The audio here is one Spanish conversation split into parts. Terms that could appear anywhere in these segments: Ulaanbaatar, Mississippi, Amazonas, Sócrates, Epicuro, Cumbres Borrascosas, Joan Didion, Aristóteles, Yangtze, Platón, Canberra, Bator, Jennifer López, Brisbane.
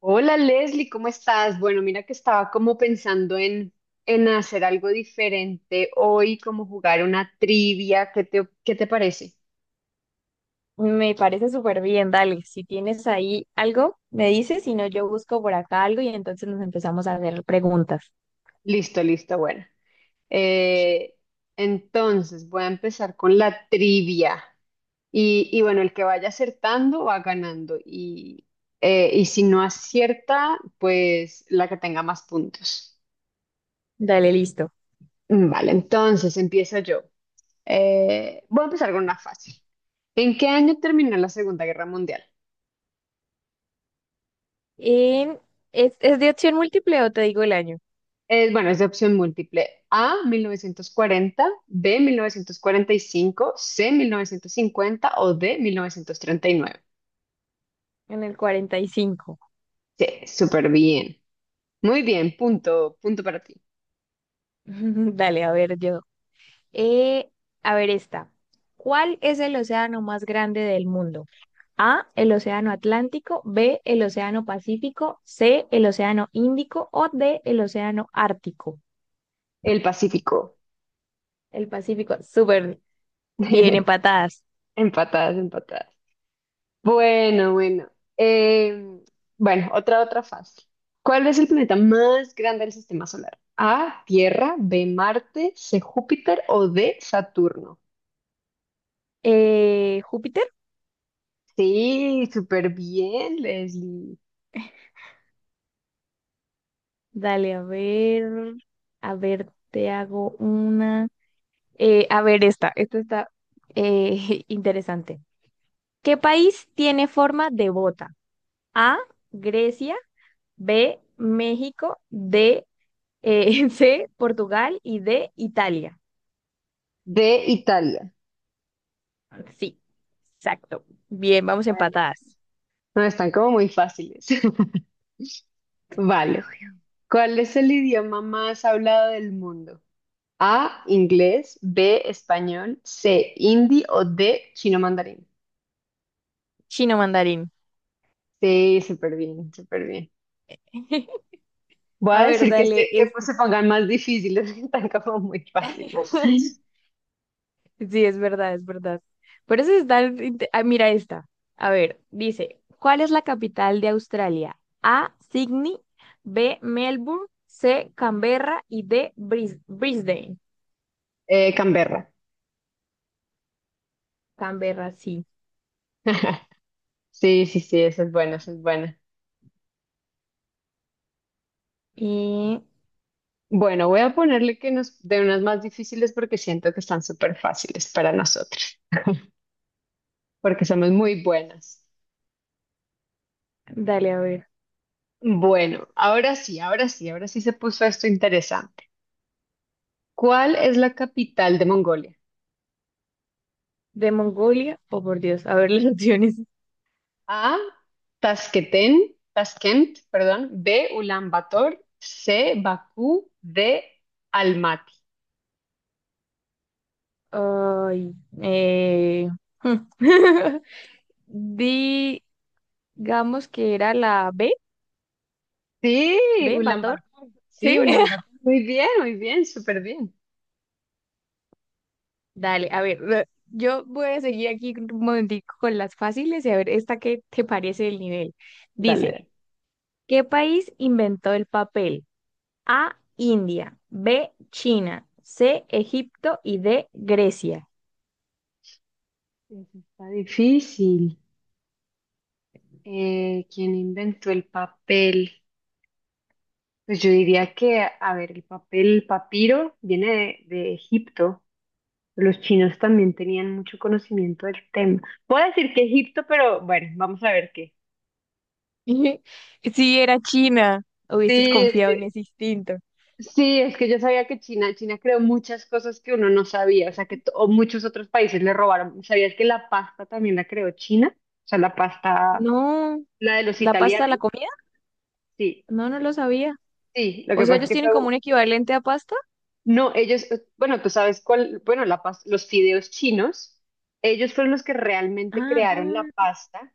Hola Leslie, ¿cómo estás? Bueno, mira que estaba como pensando en hacer algo diferente hoy, como jugar una trivia. ¿Qué te parece? Me parece súper bien, dale. Si tienes ahí algo, me dices, si no, yo busco por acá algo y entonces nos empezamos a hacer preguntas. Listo, listo, bueno. Eh, entonces, voy a empezar con la trivia. Y bueno, el que vaya acertando va ganando. Y si no acierta, pues la que tenga más puntos. Dale, listo. Vale, entonces empiezo yo. Voy a empezar con una fácil. ¿En qué año terminó la Segunda Guerra Mundial? En- ¿es de opción múltiple o te digo el año? Bueno, es de opción múltiple. A, 1940, B, 1945, C, 1950 o D, 1939. En el 45. Sí, súper bien. Muy bien, punto, punto para ti. Dale, a ver, yo. Eh, a ver esta. ¿Cuál es el océano más grande del mundo? A, el océano Atlántico; B, el océano Pacífico; C, el océano Índico; o D, el océano Ártico. El Pacífico. El Pacífico, súper bien, empatadas. Empatadas, empatadas. Bueno, bueno. Em, bueno, otra, otra fácil. ¿Cuál es el planeta más grande del sistema solar? A, Tierra, B, Marte, C, Júpiter o D, Saturno. Júpiter, Sí, súper bien, Leslie. dale, a ver, te hago una. A ver, esta está interesante. ¿Qué país tiene forma de bota? A, Grecia; B, México; C, Portugal; y D, Italia. D, Italia. Sí, exacto. Bien, vamos Bueno, empatadas. no, están como muy fáciles. Vale. ¿Cuál es el idioma más hablado del mundo? A, inglés, B, español, C, hindi o D, chino mandarín. Chino mandarín. Sí, súper bien, súper bien. Voy a A ver, decir dale, que pues esta. se pongan más difíciles, que están como muy fáciles. Sí, es verdad, es verdad. Por eso está... inte- Ah, mira esta. A ver, dice, ¿cuál es la capital de Australia? A, Sydney; B, Melbourne; C, Canberra; y D, Brisbane. Canberra. Canberra, sí. Sí, sí, sí, eso es bueno, eso es bueno. Y Bueno, voy a ponerle que nos de unas más difíciles porque siento que están súper fáciles para nosotros, porque somos muy buenas. dale, a ver, Bueno, ahora sí, ahora sí, ahora sí se puso esto interesante. ¿Cuál es la capital de Mongolia? ¿de Mongolia? Oh, por Dios, a ver las opciones. A, Tasqueten, Taskent, perdón, B, Ulan Bator. C, Bakú, D, Almaty. Ay, eh... Digamos que era la B, Sí, B, Bator, Ulaanbaatar. Sí, ¿sí? Ulaanbaatar. Muy bien, súper bien. Dale, a ver, yo voy a seguir aquí un momentico con las fáciles y a ver esta qué te parece el nivel. Dice, Dale. ¿qué país inventó el papel? A, India; B, China; C, Egipto; y D, Grecia. Eso está difícil. ¿Quién inventó el papel? Pues yo diría que, a ver, el papel, papiro, viene de Egipto. Los chinos también tenían mucho conocimiento del tema. Puedo decir que Egipto, pero bueno, vamos a ver qué. Sí, era China. Hubieses Sí, confiado en sí, ese instinto. sí, es que yo sabía que China creó muchas cosas que uno no sabía, o sea, que to- o muchos otros países le robaron. ¿Sabías que la pasta también la creó China? O sea, la pasta, No, la de los ¿la pasta de italianos, la comida? sí, No, no lo sabía. sí, lo O que sea, pasa es ellos que tienen fue, como un- un equivalente a pasta. no, ellos, bueno, tú sabes cuál, bueno, la pasta, los fideos chinos, ellos fueron los que realmente crearon la Ah, pasta.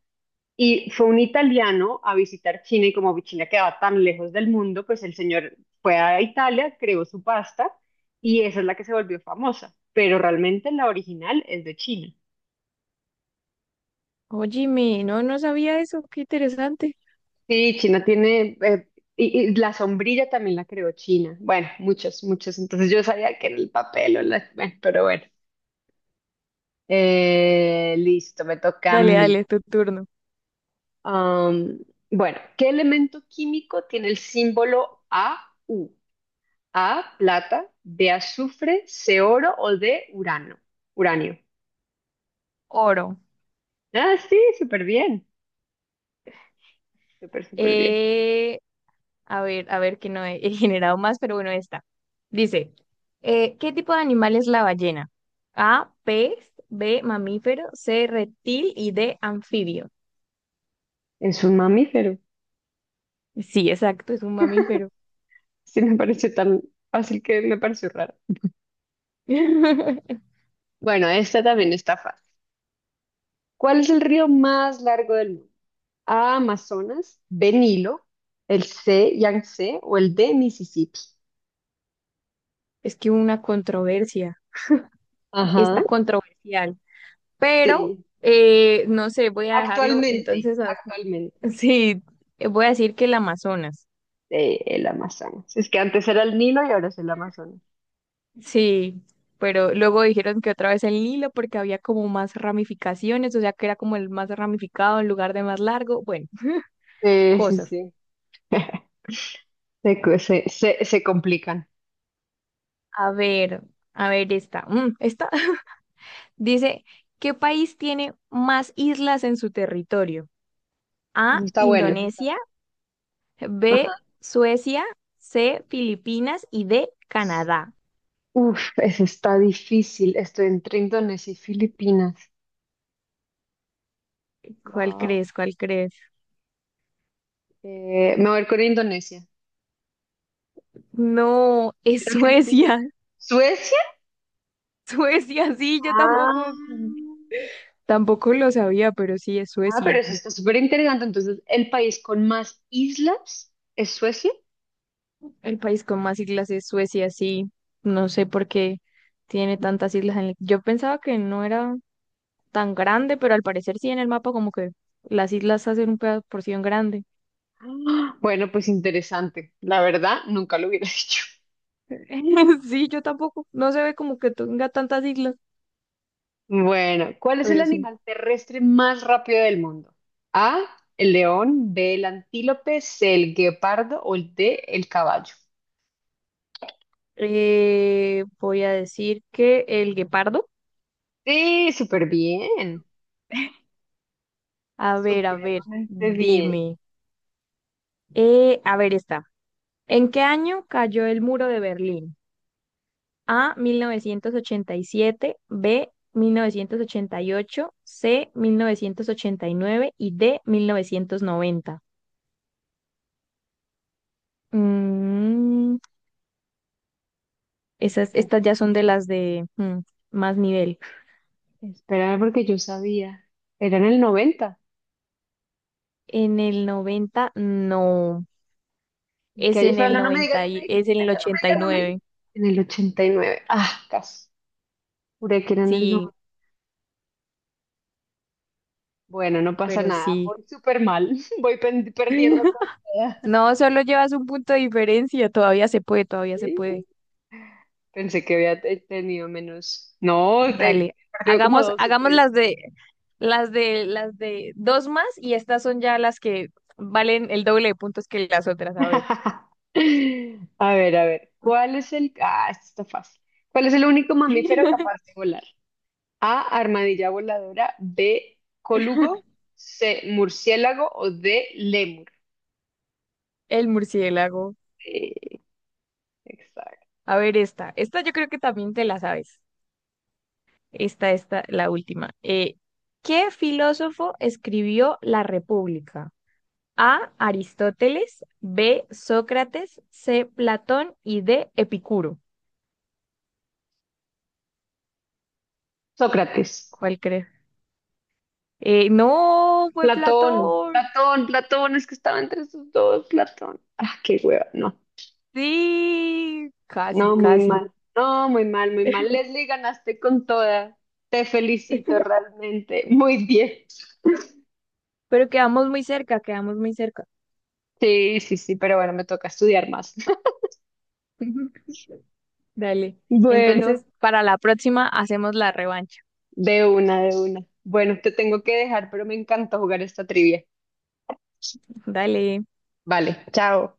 Y fue un italiano a visitar China y como China quedaba tan lejos del mundo, pues el señor fue a Italia, creó su pasta y esa es la que se volvió famosa. Pero realmente la original es de China. óyeme, no, no sabía eso, qué interesante. Sí, China tiene, y la sombrilla también la creó China. Bueno, muchas, muchas. Entonces yo sabía que era el papel o la, bueno, pero bueno. Listo, me toca a Dale, mí. dale, tu turno. Am, bueno, ¿qué elemento químico tiene el símbolo AU? A, plata, B, azufre, C, oro o D, urano. Uranio. Oro. Ah, sí, súper bien. Súper, súper bien. Eh, a ver que no he, he generado más, pero bueno, esta. Dice, ¿qué tipo de animal es la ballena? A, pez; B, mamífero; C, reptil; y D, anfibio. Es un mamífero. Sí, exacto, es un mamífero. Sí, me pareció tan fácil que me pareció raro. Bueno, esta también está fácil. ¿Cuál es el río más largo del mundo? A, Amazonas, B, Nilo, el C, Yangtze o el D, Mississippi. Es que hubo una controversia, Ajá, está controversial, pero sí. No sé, voy a dejarlo Actualmente, actualmente, sí, voy a decir que el Amazonas. El Amazonas. Es que antes era el Nilo y ahora es el Amazonas. Sí, pero luego dijeron que otra vez el Nilo porque había como más ramificaciones, o sea que era como el más ramificado en lugar de más largo. Bueno, Sí, sí, cosas. sí. Se, co- se complican. A ver, a ver esta. Esta dice, ¿qué país tiene más islas en su territorio? Eso A, está bueno. Eso está. Indonesia; Ajá. B, Suecia; C, Filipinas; y D, Canadá. Uf, eso está difícil. Estoy entre Indonesia y Filipinas. ¿Cuál Wow. crees? ¿Cuál crees? Me voy a ir con Indonesia. No, es ¿Era Filipinas? Suecia. ¿Suecia? Suecia, sí, yo Ah, tampoco tampoco lo sabía, pero sí es ah, pero Suecia. eso está súper interesante. Entonces, ¿el país con más islas es Suecia? El país con más islas es Suecia, sí. No sé por qué tiene tantas islas. Yo pensaba que no era tan grande, pero al parecer sí, en el mapa como que las islas hacen una porción grande. Ah, bueno, pues interesante. La verdad, nunca lo hubiera dicho. Sí, yo tampoco. No se ve como que tenga tantas islas, Bueno, ¿cuál es el pero sí. animal terrestre más rápido del mundo? A, el león, B, el antílope, C, el guepardo o el D, el caballo. Voy a decir que el guepardo. Sí, súper bien, A ver, supremamente bien. dime. A ver, está. ¿En qué año cayó el muro de Berlín? A, 1987; B, 1988; C, 1989; y D, 1990. Mm, ¿En qué me estas ya son perdí? de las de más nivel. Espera, porque yo sabía. Era en el noventa. En el 90, no. ¿En qué Es año? en Espera, el no, no me digas, no me digas, es en el no me ochenta y digas, no me digas. No me digas. nueve En el 89. Ah, casi. Juré que era en el Sí, 90. Bueno, no pasa pero nada. sí. Voy súper mal. Voy pen- perdiendo toda. No, solo llevas un punto de diferencia. Todavía se puede, todavía se puede. Sí. Pensé que había te- tenido menos. No, te he Dale. perdido como dos o Hagamos tres. las de las de dos más, y estas son ya las que valen el doble de puntos que las otras. A ver. A ver, a ver. ¿Cuál es el... Ah, esto está fácil. ¿Cuál es el único mamífero capaz de volar? A, armadilla voladora. B, colugo. C, murciélago. O D, lémur. El murciélago. Eh, exacto. A ver, esta. Esta yo creo que también te la sabes. Esta, la última. ¿Qué filósofo escribió La República? A, Aristóteles; B, Sócrates; C, Platón; y D, Epicuro. Sócrates. ¿Cuál crees? No, fue Platón. Platón. Platón, Platón. Es que estaba entre esos dos. Platón. Ah, qué hueva. No. Sí, casi, No, muy casi. mal. No, muy mal, muy mal. Leslie, ganaste con toda. Te felicito realmente. Muy bien. Pero quedamos muy cerca, quedamos muy cerca. Sí, sí, sí, pero bueno, me toca estudiar más. Dale. Bueno, Entonces, para la próxima hacemos la revancha. de una, de una. Bueno, te tengo que dejar, pero me encanta jugar esta trivia. Dale. Vale, chao.